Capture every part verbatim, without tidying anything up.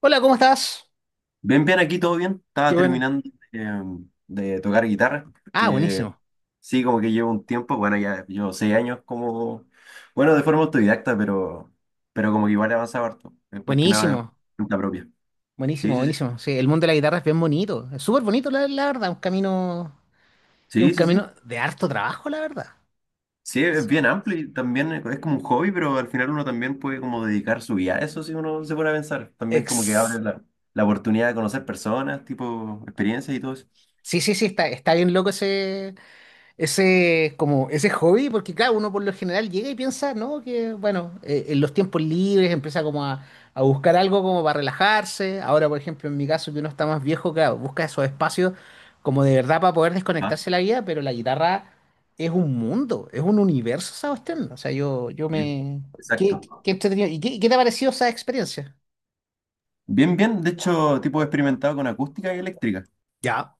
Hola, ¿cómo estás? Bien, bien, aquí todo bien. Estaba Qué bueno. terminando eh, de tocar guitarra, Ah, porque buenísimo. sí, como que llevo un tiempo, bueno, ya llevo seis años como, bueno, de forma autodidacta, pero, pero como que igual he avanzado harto, es más que nada Buenísimo. cuenta propia. Buenísimo, Sí, sí, sí. buenísimo. Sí, el mundo de la guitarra es bien bonito. Es súper bonito, la, la verdad. Un camino, es un Sí, sí, sí. camino de harto trabajo, la verdad. Sí, es Sí. bien amplio y también es como un hobby, pero al final uno también puede como dedicar su vida a eso si uno se pone a pensar. También como que abre Ex- la, la oportunidad de conocer personas, tipo experiencias y todo eso. Sí, sí, sí, está, está bien loco ese. Ese como Ese hobby, porque claro, uno por lo general llega y piensa, ¿no? Que bueno, eh, en los tiempos libres empieza como a, a buscar algo como para relajarse. Ahora, por ejemplo, en mi caso, que uno está más viejo, claro, busca esos espacios como de verdad para poder Ah, desconectarse de la vida, pero la guitarra es un mundo, es un universo esa cuestión. O sea, yo, yo sí. me... ¿Qué, Exacto. qué entretenido? ¿Y qué, qué te ha parecido esa experiencia? Bien, bien, de hecho, tipo experimentado con acústica y eléctrica. Ya,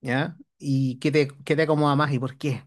¿ya? ¿Y qué te, qué te acomoda más y por qué?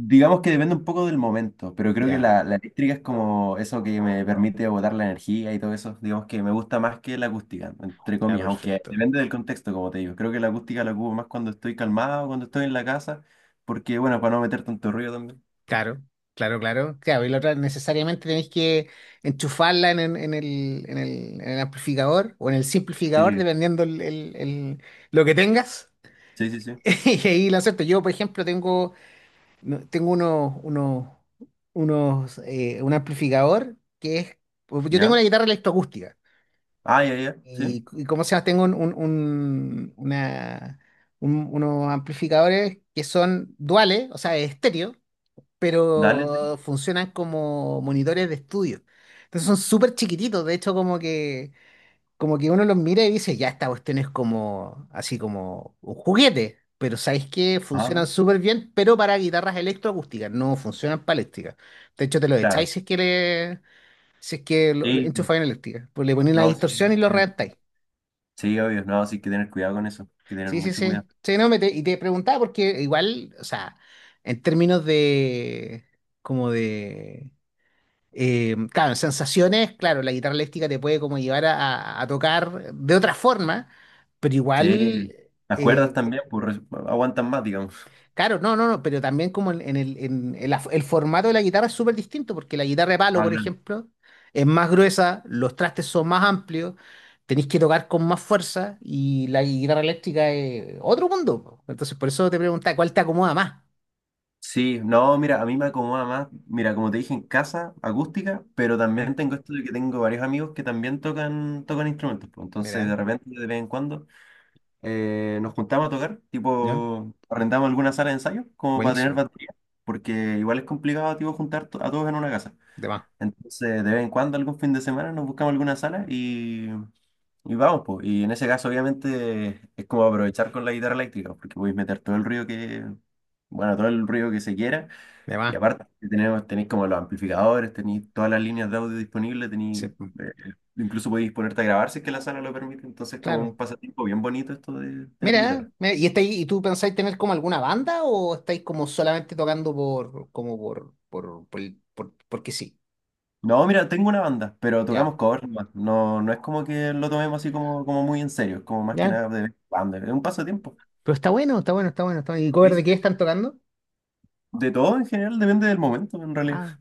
Digamos que depende un poco del momento, pero creo que Ya, la, la eléctrica es como eso que me permite agotar la energía y todo eso. Digamos que me gusta más que la acústica, entre ya, comillas, aunque perfecto. depende del contexto, como te digo. Creo que la acústica la ocupo más cuando estoy calmado, cuando estoy en la casa, porque, bueno, para no meter tanto ruido también. Claro, claro, claro. Claro, y la otra necesariamente tenéis que enchufarla en, en- en el, en el- en el amplificador o en el simplificador, Sí, dependiendo el, el- el- lo que tengas. sí, sí, sí. Y ahí lo acepto. Yo, por ejemplo, tengo, no- tengo unos, unos, unos, eh, un amplificador que es. Pues, yo tengo ¿Ya? una guitarra electroacústica. Ah, ya, ya, sí. Y, y ¿cómo se llama? Tengo un, un- un- una, un- unos amplificadores que son duales, o sea, estéreo, Dale, sí. pero funcionan como monitores de estudio. Entonces son súper chiquititos, de hecho como que, como que uno los mira y dice, ya esta cuestión es como, así como un juguete, pero ¿sabéis qué? Funcionan Ajá, súper bien, pero para guitarras electroacústicas, no funcionan para eléctricas. De hecho te los echáis claro. si es que, le, si es que lo, le Sí, enchufáis en eléctrica, pues le ponéis la no, sí. distorsión y lo reventáis. Sí, obvio, no, sí hay que tener cuidado con eso, hay que tener Sí, sí, mucho sí. cuidado. Sí, no, me te- y te preguntaba porque igual, o sea, en términos de, como de Eh, claro, en sensaciones, claro, la guitarra eléctrica te puede como llevar a, a- a tocar de otra forma, pero igual, Sí. Las cuerdas eh, también, pues res- bueno, aguantan más, digamos. claro, no, no, no, pero también como en, en el, en el af- el formato de la guitarra es súper distinto, porque la guitarra de palo, Ah, por claro. ejemplo, es más gruesa, los trastes son más amplios, tenéis que tocar con más fuerza y la guitarra eléctrica es otro mundo. Po. Entonces, por eso te preguntaba, ¿cuál te acomoda más? Sí, no, mira, a mí me acomoda más, mira, como te dije, en casa, acústica, pero Mira, también tengo esto de que tengo varios amigos que también tocan, tocan instrumentos, pues, entonces mira, de repente, de vez en cuando, eh, nos juntamos a tocar, ¿ya? tipo, arrendamos alguna sala de ensayo como para tener Buenísimo, batería, porque igual es complicado, tipo, juntar to- a todos en una casa. de más, Entonces, de vez en cuando, algún fin de semana, nos buscamos alguna sala y Y vamos, pues. Y en ese caso, obviamente, es como aprovechar con la guitarra eléctrica, porque podéis meter todo el ruido que, bueno, todo el ruido que se quiera. de Y más. aparte, si tenemos, tenéis como los amplificadores, tenéis todas las líneas de audio disponibles, Sí, tenéis, eh, incluso podéis ponerte a grabar si es que la sala lo permite. Entonces, como claro. un pasatiempo bien bonito esto de tener Mira, guitarra. Mira, ¿y estáis, y tú pensáis tener como alguna banda o estáis como solamente tocando por, como por, por, por, el- por- porque sí? No, mira, tengo una banda, pero Ya, tocamos covers nomás. No, no es como que lo tomemos así como, como muy en serio, es como más que ya. nada de vez, es un pasatiempo. Pero está bueno, está bueno, está bueno, está bueno. ¿Y Sí, cover sí, de qué sí. están tocando? De todo en general, depende del momento, en realidad. Ah,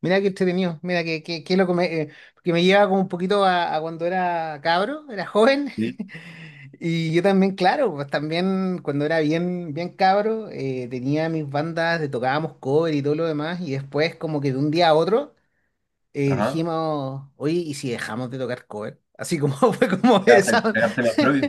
mira qué entretenido, mira que, que, que es lo que me, eh, que me lleva como un poquito a, a cuando era cabro, era joven. Sí. Y yo también, claro, pues también cuando era bien, bien cabro, eh, tenía mis bandas, de- tocábamos cover y todo lo demás, y después como que de un día a otro. eh, Ajá. dijimos, oye, ¿y si dejamos de tocar cover? Así como fue como Ya, o sea, esa. pegarte más propio.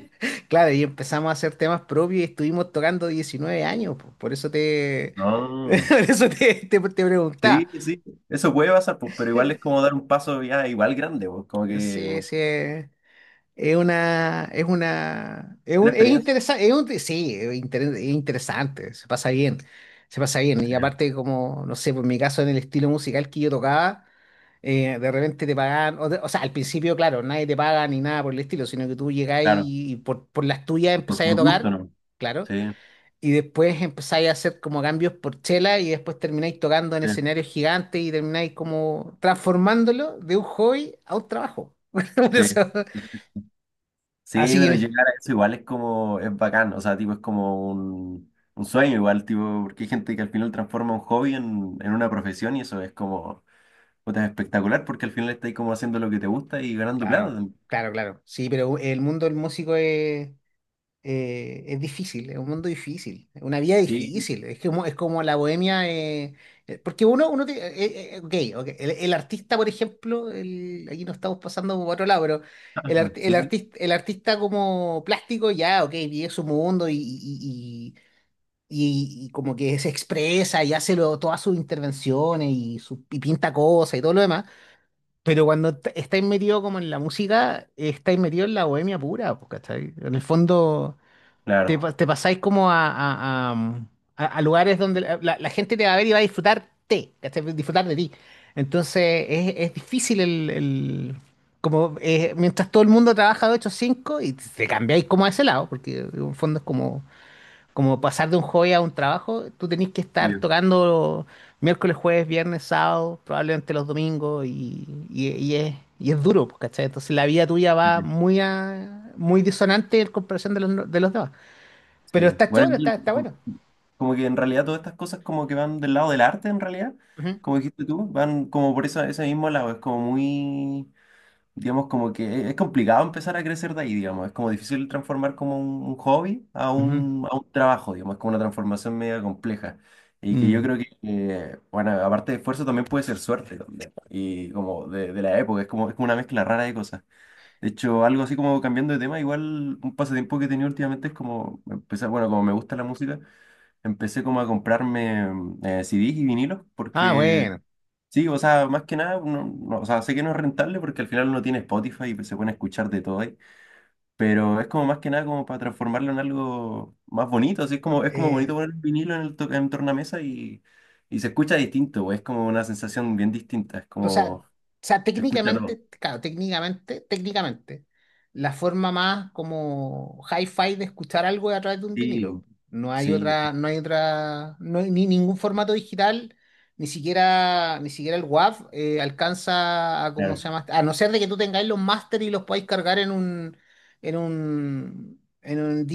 Claro, y empezamos a hacer temas propios y estuvimos tocando diecinueve años, po. Por eso te, No. por eso te, te, te preguntaba. Sí, sí. Eso puede pasar, pues, pero igual es como dar un paso ya igual grande, pues, como Sí, que sí. eh, Es una, es una, es una un, es experiencia. interesante, es un- sí, es, inter- es interesante, se pasa bien, se pasa bien. Y Sí, aparte, como, no sé, por mi caso, en el estilo musical que yo tocaba, eh, de repente te pagan, o, de- o sea, al principio, claro, nadie te paga ni nada por el estilo, sino que tú llegás claro, y, y por, por las tuyas por, empezáis a por gusto, tocar, ¿no? claro, Sí, y después empezáis a hacer como cambios por chela y después termináis tocando en sí, escenarios gigantes y termináis como transformándolo de un hobby a un trabajo. Por sí. eso. Sí, sí. Sí, Así pero que. llegar a eso igual es como, es bacán, o sea, tipo, es como un, un sueño igual, tipo, porque hay gente que al final transforma un hobby en, en una profesión y eso es como, puta, es espectacular porque al final estás como haciendo lo que te gusta y ganando plata Claro, también. claro, claro. Sí, pero el mundo del músico es, eh, es difícil, es un mundo difícil, es una vida Sí. difícil. Es que como- es como la bohemia. Eh, eh, porque uno, uno te- eh, eh, ok, ok, El, el artista, por ejemplo, el- aquí nos estamos pasando por otro lado, pero el, Ajá, art- el, sí, sí, artista, el artista como plástico, ya, ok, vive su mundo y, y, y- y- y como que se expresa y hace lo- todas sus intervenciones y, su, y pinta cosas y todo lo demás. Pero cuando t- estáis metido como en la música, estáis metido en la bohemia pura, pues, ¿cachai? En el fondo, te, claro. pa- te pasáis como a, a- a- mm, a- a lugares donde la, la- la gente te va a ver y va a disfrutarte, ¿cachai? Disfrutar de ti. Entonces, es, es difícil el, el- como eh, mientras todo el mundo trabaja de ocho a cinco y te cambiáis como a ese lado, porque en el fondo es como como pasar de un hobby a un trabajo, tú tenés que estar Obvio. tocando miércoles, jueves, viernes, sábado, probablemente los domingos, y, y- y es, y es duro, pues, ¿cachai? Entonces la vida tuya Sí, va sí. muy, a- muy disonante en comparación de los, no, de los demás. Pero Sí. está Bueno, choro, está, está yo, bueno. como que en realidad todas estas cosas como que van del lado del arte en realidad, Ujú, como dijiste tú, van como por esa, ese mismo lado, es como muy, digamos, como que es es complicado empezar a crecer de ahí, digamos, es como difícil transformar como un, un hobby a ujú. un, a un trabajo, digamos, es como una transformación media compleja. Y que yo Mm. creo que, eh, bueno, aparte de esfuerzo también puede ser suerte también. Y como de, de la época, es como, es como una mezcla rara de cosas. De hecho, algo así como cambiando de tema, igual un pasatiempo que he tenido últimamente es como empezar, bueno, como me gusta la música, empecé como a comprarme mm, eh, C D s y vinilos, Ah, porque bueno. sí, o sea, más que nada, no, no, o sea, sé que no es rentable porque al final uno tiene Spotify y pues, se pueden escuchar de todo ahí, pero es como más que nada como para transformarlo en algo más bonito, así es como, es como bonito poner un vinilo en el, to- en el tornamesa y, y se escucha distinto, es como una sensación bien distinta, es O sea, o como sea, se escucha todo. técnicamente, claro, técnicamente, técnicamente, la forma más como hi-fi de escuchar algo es a través de un Sí, vinilo. No hay sí, otra, no hay otra, no hay ni ningún formato digital, ni siquiera, ni siquiera el WAV eh, alcanza a cómo claro. se llama, a no ser de que tú tengáis los máster y los podáis cargar en un, en un, en un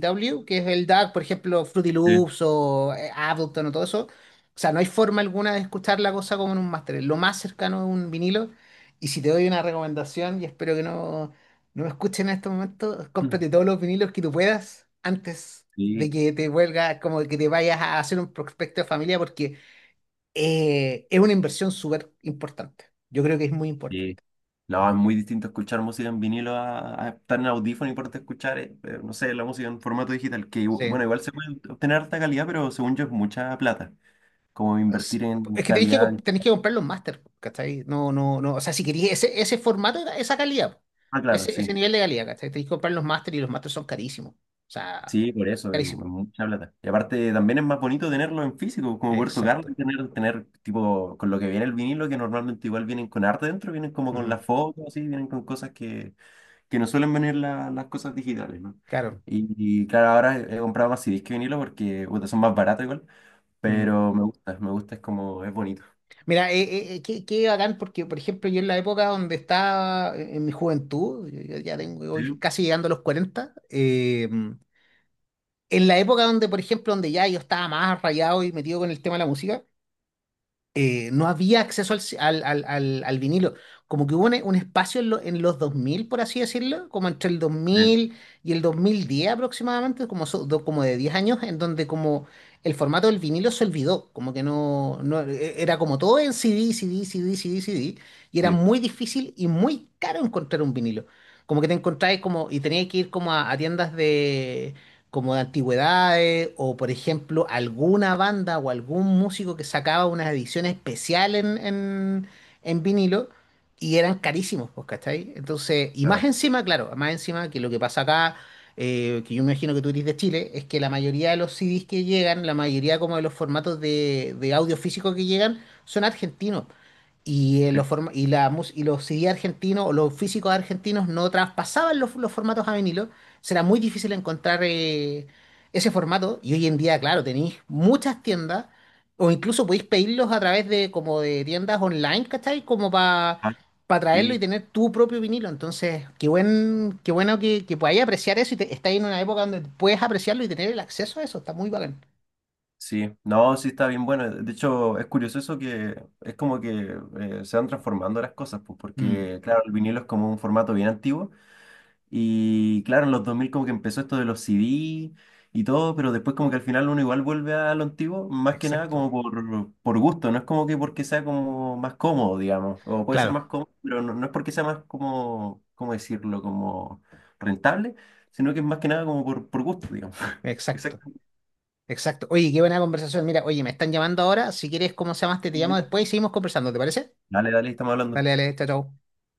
dau, que es el DAC, por ejemplo, Fruity Loops o eh, Ableton o todo eso, o sea, no hay forma alguna de escuchar la cosa como en un máster. Es lo más cercano es un vinilo. Y si te doy una recomendación, y espero que no, no me escuchen en estos momentos, Sí. cómprate todos los vinilos que tú puedas antes de Sí, que te vuelvas, como que te vayas a hacer un prospecto de familia, porque eh, es una inversión súper importante. Yo creo que es muy sí. importante. No, es muy distinto escuchar música en vinilo a, a estar en audífono y poderte escuchar, eh, eh, no sé, la música en formato digital, que igu- bueno, Sí. igual se puede obtener harta calidad, pero según yo es mucha plata. Como Es invertir en es que tenéis que, calidad. comp- tenéis que comprar los máster, ¿cachai? No, no, no. O sea, si queréis ese, ese formato, esa calidad, Ah, claro, ese, sí. ese nivel de calidad, ¿cachai? Tenéis que comprar los máster y los máster son carísimos. O sea, Sí, por eso, es, mu- carísimos. es mucha plata. Y aparte también es más bonito tenerlo en físico, como poder tocarlo y Exacto. tener, tener tipo, con lo que viene el vinilo, que normalmente igual vienen con arte dentro, vienen como con la Ujú. foto, así, vienen con cosas que que no suelen venir la- las cosas digitales, ¿no? Claro. Y, y claro, ahora he he comprado más C D s que vinilo porque puta, son más baratos igual, Mm. pero me gusta, me gusta, es como, es bonito. Mira, eh, eh, eh, qué, qué bacán, porque, por ejemplo, yo en la época donde estaba, eh, en mi juventud, yo, yo ya tengo, voy Sí, casi llegando a los cuarenta, eh, en la época donde, por ejemplo, donde ya yo estaba más rayado y metido con el tema de la música, eh, no había acceso al, al, al, al- al vinilo. Como que hubo un, un espacio en, lo- en los dos mil por así decirlo, como entre el dos sí, mil y el dos mil diez aproximadamente, como, so- do- como de diez años, en donde como el formato del vinilo se olvidó, como que no, no e- era como todo en CD, CD, CD, CD, CD, y era sí, muy difícil y muy caro encontrar un vinilo. Como que te encontráis como, y tenías que ir como a, a tiendas de como de antigüedades, o por ejemplo, alguna banda o algún músico que sacaba una edición especial en, en, en vinilo, y eran carísimos, pues, ¿cachai? Entonces, y más claro, encima, claro, más encima que lo que pasa acá, eh, que yo me imagino que tú eres de Chile, es que la mayoría de los C Ds que llegan, la mayoría como de los formatos de, de audio físico que llegan, son argentinos. Y, eh, los sí. forma- y, la mus- y los C D argentinos o los físicos argentinos no traspasaban los, los formatos a vinilo. Será muy difícil encontrar eh, ese formato. Y hoy en día, claro, tenéis muchas tiendas o incluso podéis pedirlos a través de como de tiendas online, ¿cachai? Como para Ah, traerlo y sí, tener tu propio vinilo. Entonces, qué buen, qué bueno que, que podáis apreciar eso y te, estáis en una época donde puedes apreciarlo y tener el acceso a eso. Está muy bacán. sí. No, sí está bien bueno. De hecho, es curioso eso que es como que eh, se van transformando las cosas, pues, Mm, porque claro, el vinilo es como un formato bien antiguo. Y claro, en los dos mil como que empezó esto de los C D y todo, pero después como que al final uno igual vuelve a lo antiguo, más que nada exacto. como por, por gusto, no es como que porque sea como más cómodo, digamos, o puede ser Claro, más cómodo, pero no, no es porque sea más como, ¿cómo decirlo?, como rentable, sino que es más que nada como por, por gusto, digamos. exacto. Exacto. Exacto. Oye, qué buena conversación. Mira, oye, me están llamando ahora. Si quieres, ¿cómo se llamaste? Te llamo después y seguimos conversando, ¿te parece? Dale, dale, estamos Dale, hablando. dale, chao, chao.